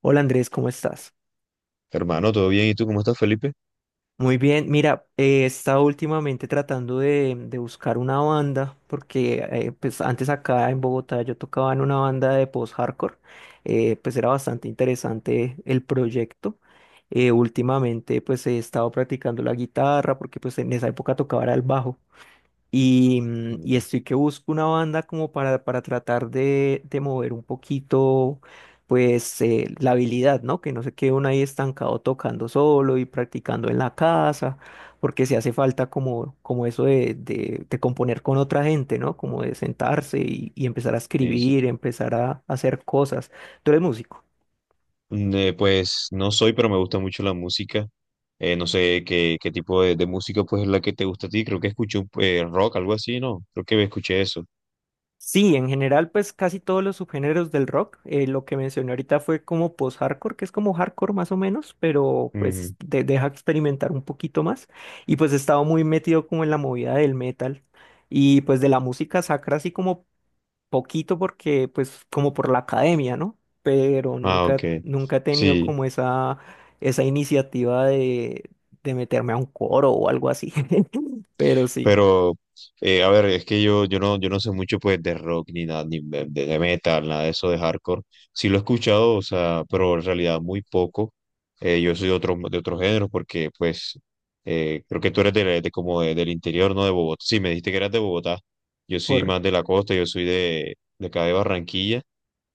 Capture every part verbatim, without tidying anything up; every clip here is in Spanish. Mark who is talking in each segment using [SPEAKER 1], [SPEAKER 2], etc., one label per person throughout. [SPEAKER 1] Hola Andrés, ¿cómo estás?
[SPEAKER 2] Hermano, ¿todo bien? ¿Y tú cómo estás, Felipe?
[SPEAKER 1] Muy bien, mira, eh, he estado últimamente tratando de, de buscar una banda, porque eh, pues antes acá en Bogotá yo tocaba en una banda de post-hardcore, eh, pues era bastante interesante el proyecto. Eh, últimamente pues he estado practicando la guitarra, porque pues en esa época tocaba era el bajo. Y, mm, y
[SPEAKER 2] Mm,
[SPEAKER 1] estoy que busco una banda como para, para tratar de, de mover un poquito, pues, eh, la habilidad, ¿no? Que no se quede uno ahí estancado tocando solo y practicando en la casa, porque se hace falta como, como eso de, de, de componer con otra gente, ¿no? Como de sentarse y, y empezar a
[SPEAKER 2] sí, sí.
[SPEAKER 1] escribir, empezar a hacer cosas. ¿Tú eres músico?
[SPEAKER 2] Mm, eh, pues no soy, pero me gusta mucho la música. Eh, no sé qué, qué tipo de, de música pues es la que te gusta a ti. Creo que escuché eh, rock, algo así, ¿no? Creo que escuché eso.
[SPEAKER 1] Sí, en general, pues casi todos los subgéneros del rock. Eh, lo que mencioné ahorita fue como post-hardcore, que es como hardcore más o menos, pero
[SPEAKER 2] Ujú.
[SPEAKER 1] pues de- deja experimentar un poquito más. Y pues he estado muy metido como en la movida del metal y pues de la música sacra así como poquito porque pues como por la academia, ¿no? Pero
[SPEAKER 2] Ah, ok.
[SPEAKER 1] nunca, nunca he tenido
[SPEAKER 2] Sí,
[SPEAKER 1] como esa, esa iniciativa de, de meterme a un coro o algo así. Pero sí.
[SPEAKER 2] pero eh, a ver, es que yo, yo no, yo no sé mucho pues de rock ni nada, ni de, de- de metal, nada de eso de hardcore. Sí lo he escuchado, o sea, pero en realidad muy poco. Eh, yo soy de otro, de otro género porque pues Eh, creo que tú eres de, de como de- del interior, ¿no? De Bogotá. Sí, me dijiste que eras de Bogotá. Yo soy más de la costa, yo soy de, de acá de Barranquilla.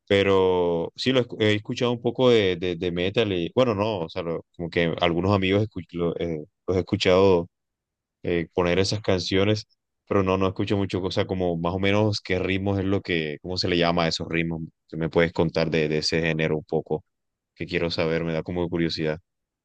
[SPEAKER 2] Pero sí, lo escu- he escuchado un poco de, de, de metal y, bueno, no, o sea, lo- como que algunos amigos escu- lo- eh, los he escuchado eh, poner esas canciones, pero no, no escucho mucho, cosa como más o menos qué ritmos es lo que, cómo se le llama a esos ritmos. Si me puedes contar de, de ese género un poco, que quiero saber, me da como curiosidad.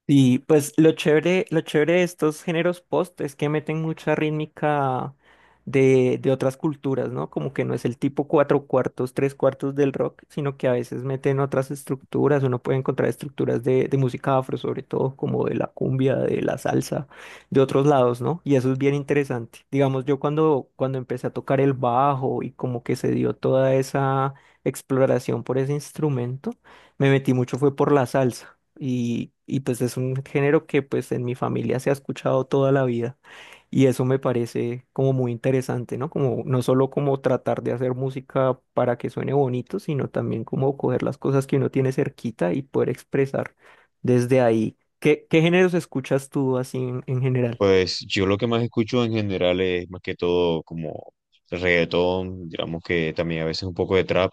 [SPEAKER 1] Y pues lo chévere, lo chévere de estos géneros post es que meten mucha rítmica de, de otras culturas, ¿no? Como que no es el tipo cuatro cuartos, tres cuartos del rock, sino que a veces meten otras estructuras. Uno puede encontrar estructuras de, de música afro, sobre todo como de la cumbia, de la salsa, de otros lados, ¿no? Y eso es bien interesante. Digamos, yo cuando, cuando empecé a tocar el bajo y como que se dio toda esa exploración por ese instrumento, me metí mucho fue por la salsa y, y pues es un género que pues en mi familia se ha escuchado toda la vida y eso me parece como muy interesante, ¿no? Como no solo como tratar de hacer música para que suene bonito, sino también como coger las cosas que uno tiene cerquita y poder expresar desde ahí. ¿Qué, qué géneros escuchas tú así en, en general?
[SPEAKER 2] Pues yo lo que más escucho en general es más que todo como reggaetón, digamos que también a veces un poco de trap,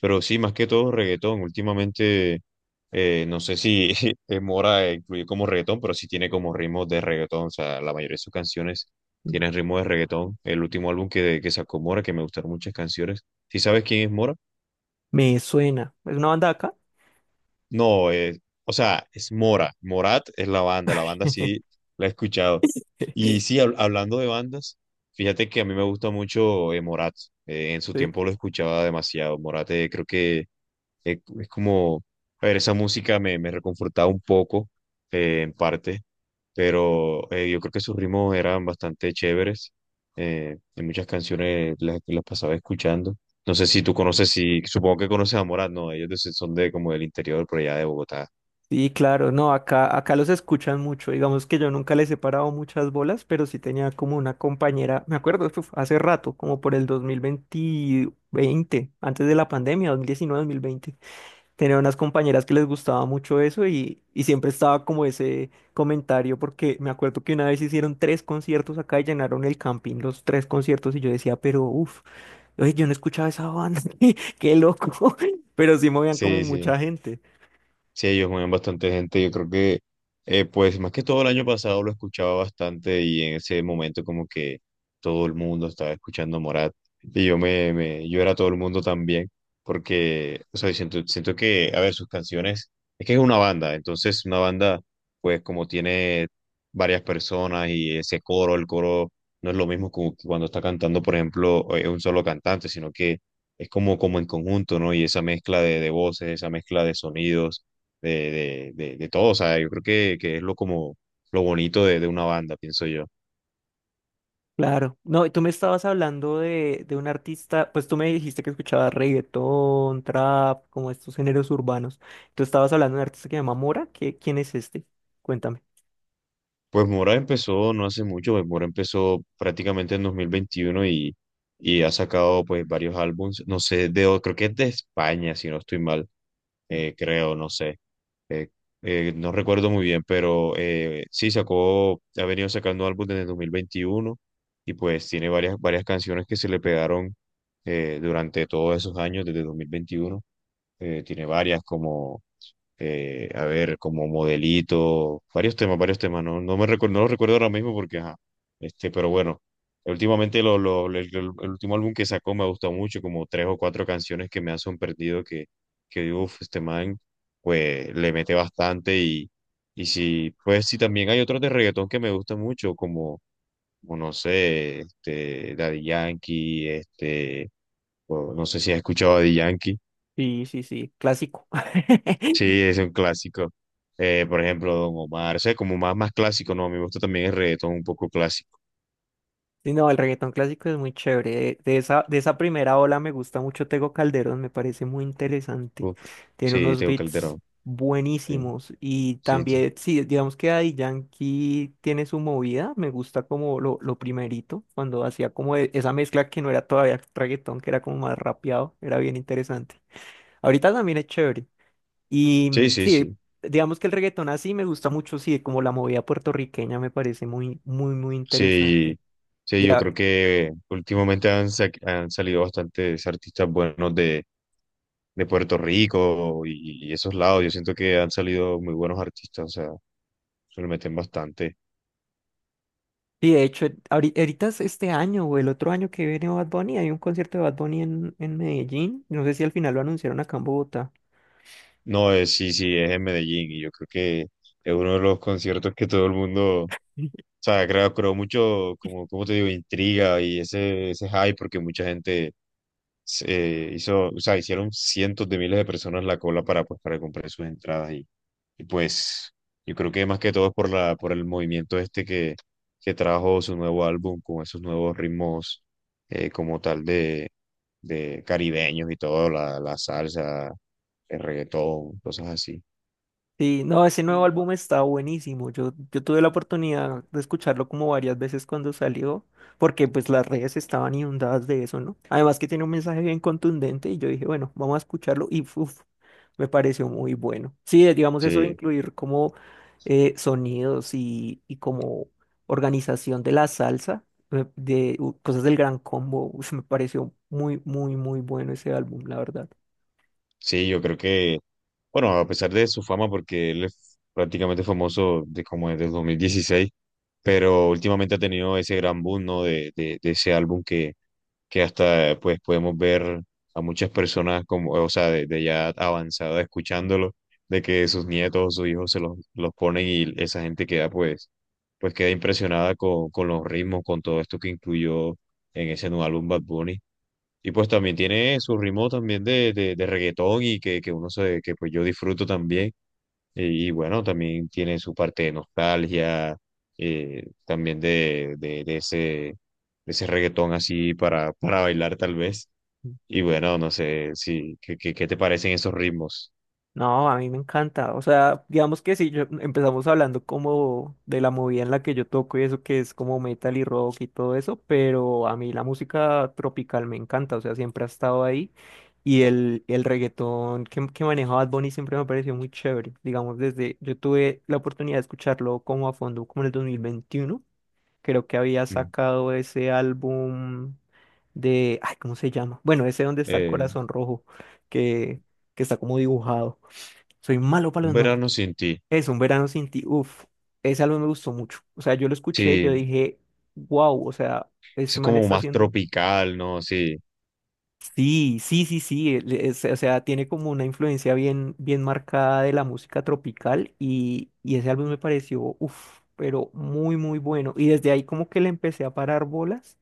[SPEAKER 2] pero sí, más que todo reggaetón. Últimamente, eh, no sé si eh, Mora incluye como reggaetón, pero sí tiene como ritmos de reggaetón, o sea, la mayoría de sus canciones tienen ritmos de reggaetón. El último álbum que, que sacó Mora, que me gustaron muchas canciones. ¿Sí sabes quién es Mora?
[SPEAKER 1] Me suena. ¿Es una banda de acá?
[SPEAKER 2] No, eh, o sea, es Mora. Morat es la banda, la banda sí la he escuchado. Y sí, hab- hablando de bandas, fíjate que a mí me gusta mucho eh, Morat. Eh, en su
[SPEAKER 1] Sí.
[SPEAKER 2] tiempo lo escuchaba demasiado. Morat eh, creo que eh, es como, a ver, esa música me, me reconfortaba un poco, eh, en parte, pero eh, yo creo que sus ritmos eran bastante chéveres eh, hay muchas canciones las que las pasaba escuchando. No sé si tú conoces, si supongo que conoces a Morat, no, ellos de- son de como del interior, por allá de Bogotá.
[SPEAKER 1] Sí, claro, no, acá, acá los escuchan mucho. Digamos que yo nunca les he parado muchas bolas, pero sí tenía como una compañera, me acuerdo, uf, hace rato, como por el dos mil veinte, veinte, veinte, antes de la pandemia, dos dos mil diecinueve dos mil veinte. Tenía unas compañeras que les gustaba mucho eso y, y siempre estaba como ese comentario, porque me acuerdo que una vez hicieron tres conciertos acá y llenaron el camping, los tres conciertos, y yo decía, pero uff, yo no escuchaba esa banda, qué loco, pero sí movían como
[SPEAKER 2] Sí, sí.
[SPEAKER 1] mucha gente.
[SPEAKER 2] Sí, ellos mueven bastante gente. Yo creo que, eh, pues, más que todo el año pasado lo escuchaba bastante y en ese momento como que todo el mundo estaba escuchando Morat y yo me, me- yo era todo el mundo también porque, o sea, siento, siento que, a ver, sus canciones, es que es una banda, entonces una banda, pues, como tiene varias personas y ese coro, el coro no es lo mismo como que cuando está cantando, por ejemplo, eh, un solo cantante, sino que es como, como en conjunto, ¿no? Y esa mezcla de, de voces, esa mezcla de sonidos de, de, de, de todo. O sea, yo creo que, que es lo como lo bonito de, de una banda, pienso yo.
[SPEAKER 1] Claro. No, y tú me estabas hablando de, de un artista, pues tú me dijiste que escuchabas reggaetón, trap, como estos géneros urbanos. Tú estabas hablando de un artista que se llama Mora. ¿Qué, quién es este? Cuéntame.
[SPEAKER 2] Pues Mora empezó no hace mucho, pues Mora empezó prácticamente en dos mil veintiuno y, y ha sacado pues varios álbumes, no sé, de, creo que es de España, si no estoy mal, eh, creo, no sé, eh, eh, no recuerdo muy bien, pero eh, sí sacó, ha venido sacando álbumes desde dos mil veintiuno y pues tiene varias, varias canciones que se le pegaron eh, durante todos esos años, desde dos mil veintiuno, eh, tiene varias como eh, a ver, como modelito, varios temas, varios temas, no, no me recuerdo, no lo recuerdo ahora mismo porque, ajá, este, pero bueno, últimamente lo, lo- el, el- el último álbum que sacó me gustó mucho, como tres o cuatro canciones que me han sorprendido que, que uff, este man, pues le mete bastante y, y sí, pues sí, también hay otros de reggaetón que me gustan mucho, como, como no sé, este, Daddy Yankee, este, o no sé si has escuchado a Daddy Yankee.
[SPEAKER 1] Sí, sí, sí, clásico.
[SPEAKER 2] Sí, es un clásico. Eh, por ejemplo, Don Omar, o sea, como más, más clásico, no, a mí me gusta también el reggaetón un poco clásico.
[SPEAKER 1] Sí, no, el reggaetón clásico es muy chévere. De, de esa, de esa primera ola me gusta mucho Tego Calderón, me parece muy interesante.
[SPEAKER 2] Uf,
[SPEAKER 1] Tiene
[SPEAKER 2] sí,
[SPEAKER 1] unos
[SPEAKER 2] tengo
[SPEAKER 1] beats
[SPEAKER 2] Calderón. Sí,
[SPEAKER 1] buenísimos. Y
[SPEAKER 2] sí, sí,
[SPEAKER 1] también, sí, digamos que Daddy Yankee tiene su movida. Me gusta como lo, lo primerito, cuando hacía como e- esa mezcla que no era todavía reggaetón, que era como más rapeado, era bien interesante. Ahorita también es chévere. Y
[SPEAKER 2] sí,
[SPEAKER 1] mm,
[SPEAKER 2] sí,
[SPEAKER 1] sí,
[SPEAKER 2] sí.
[SPEAKER 1] digamos que el reggaetón así me gusta mucho, sí, como la movida puertorriqueña me parece muy, muy, muy interesante.
[SPEAKER 2] Sí, sí, yo creo que últimamente han, sa- han salido bastantes artistas buenos de, de Puerto Rico y, y esos lados. Yo siento que han salido muy buenos artistas, o sea, se lo meten bastante.
[SPEAKER 1] Y de hecho, ahori- ahorita es este año o el otro año que viene Bad Bunny, hay un concierto de Bad Bunny en, en Medellín. No sé si al final lo anunciaron acá en Bogotá.
[SPEAKER 2] No, es, sí, sí, es en Medellín y yo creo que es uno de los conciertos que todo el mundo... O sea, creo, creo mucho, como, como te digo, intriga y ese, ese hype, porque mucha gente se hizo, o sea, hicieron cientos de miles de personas la cola para, pues, para comprar sus entradas y, y pues yo creo que más que todo es por la, por el movimiento este que, que trajo su nuevo álbum con esos nuevos ritmos eh, como tal de, de caribeños y todo, la, la salsa, el reggaetón, cosas así.
[SPEAKER 1] Sí, no, ese nuevo álbum está buenísimo. Yo, yo tuve la oportunidad de escucharlo como varias veces cuando salió, porque pues las redes estaban inundadas de eso, ¿no? Además que tiene un mensaje bien contundente y yo dije, bueno, vamos a escucharlo y uf, me pareció muy bueno. Sí, eh, digamos eso de
[SPEAKER 2] Sí.
[SPEAKER 1] incluir como eh, sonidos y, y como organización de la salsa, eh, de, uh, cosas del Gran Combo, uf, me pareció muy, muy, muy bueno ese álbum, la verdad.
[SPEAKER 2] Sí, yo creo que, bueno, a pesar de su fama, porque él es prácticamente famoso de como desde el dos mil dieciséis, pero últimamente ha tenido ese gran boom, ¿no? De, de, de ese álbum que, que hasta pues podemos ver a muchas personas como, o sea, de, de ya avanzada escuchándolo, de que sus nietos o sus hijos se los, los ponen y esa gente queda pues, pues queda impresionada con, con los ritmos, con todo esto que incluyó en ese nuevo álbum Bad Bunny. Y pues también tiene su ritmo también de, de, de reggaetón y que, que uno se, que pues yo disfruto también. Y, y bueno, también tiene su parte de nostalgia, eh, también de, de, de ese, de ese reggaetón así para, para bailar tal vez. Y bueno, no sé si, ¿qué, qué, qué te parecen esos ritmos?
[SPEAKER 1] No, a mí me encanta. O sea, digamos que si yo empezamos hablando como de la movida en la que yo toco y eso que es como metal y rock y todo eso, pero a mí la música tropical me encanta, o sea, siempre ha estado ahí y el, el reggaetón que, que maneja Bad Bunny siempre me pareció muy chévere. Digamos, desde yo tuve la oportunidad de escucharlo como a fondo como en el dos mil veintiuno. Creo que había
[SPEAKER 2] Mm.
[SPEAKER 1] sacado ese álbum de, ay, ¿cómo se llama? Bueno, ese donde está el
[SPEAKER 2] Eh,
[SPEAKER 1] corazón rojo, que, que está como dibujado. Soy malo para
[SPEAKER 2] un
[SPEAKER 1] los nombres.
[SPEAKER 2] verano sin ti.
[SPEAKER 1] Es Un Verano Sin Ti. Uf, ese álbum me gustó mucho. O sea, yo lo escuché y yo
[SPEAKER 2] Sí,
[SPEAKER 1] dije, wow, o sea,
[SPEAKER 2] eso
[SPEAKER 1] este
[SPEAKER 2] es
[SPEAKER 1] man
[SPEAKER 2] como
[SPEAKER 1] está
[SPEAKER 2] más
[SPEAKER 1] haciendo.
[SPEAKER 2] tropical, ¿no? Sí,
[SPEAKER 1] Sí, sí, sí, sí. Él es- o sea, tiene como una influencia bien, bien marcada de la música tropical y, y ese álbum me pareció, uf, pero muy, muy bueno. Y desde ahí como que le empecé a parar bolas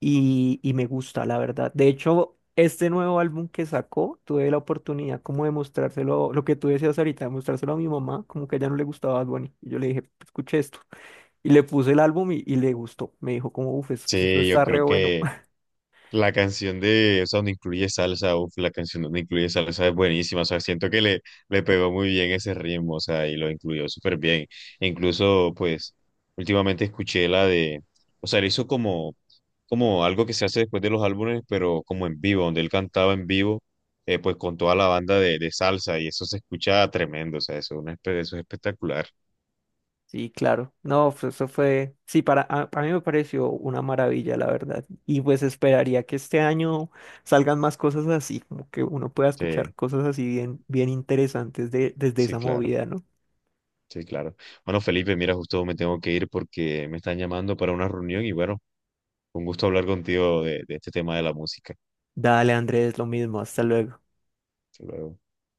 [SPEAKER 1] y, y me gusta, la verdad. De hecho, este nuevo álbum que sacó, tuve la oportunidad como de mostrárselo, lo que tú decías ahorita, de mostrárselo a mi mamá, como que a ella no le gustaba Bad Bunny. Y yo le dije, escuché esto. Y le puse el álbum y, y le gustó. Me dijo como, uff, esto
[SPEAKER 2] sí, yo
[SPEAKER 1] está re
[SPEAKER 2] creo
[SPEAKER 1] bueno.
[SPEAKER 2] que... La canción de, o sea, donde incluye salsa, uf, la canción donde incluye salsa es buenísima, o sea, siento que le, le pegó muy bien ese ritmo, o sea, y lo incluyó súper bien. E incluso, pues, últimamente escuché la de, o sea, le hizo como, como algo que se hace después de los álbumes, pero como en vivo, donde él cantaba en vivo, eh, pues con toda la banda de, de salsa, y eso se escucha tremendo, o sea, eso, es una espe- eso es espectacular.
[SPEAKER 1] Sí, claro. No, pues eso fue, sí, para, a, a mí me pareció una maravilla, la verdad. Y pues esperaría que este año salgan más cosas así, como que uno pueda escuchar
[SPEAKER 2] Sí,
[SPEAKER 1] cosas así bien, bien interesantes de, desde
[SPEAKER 2] sí,
[SPEAKER 1] esa
[SPEAKER 2] claro.
[SPEAKER 1] movida, ¿no?
[SPEAKER 2] Sí, claro. Bueno, Felipe, mira, justo me tengo que ir porque me están llamando para una reunión y bueno, un gusto hablar contigo de, de este tema de la música.
[SPEAKER 1] Dale, Andrés, lo mismo. Hasta luego.
[SPEAKER 2] Hasta luego.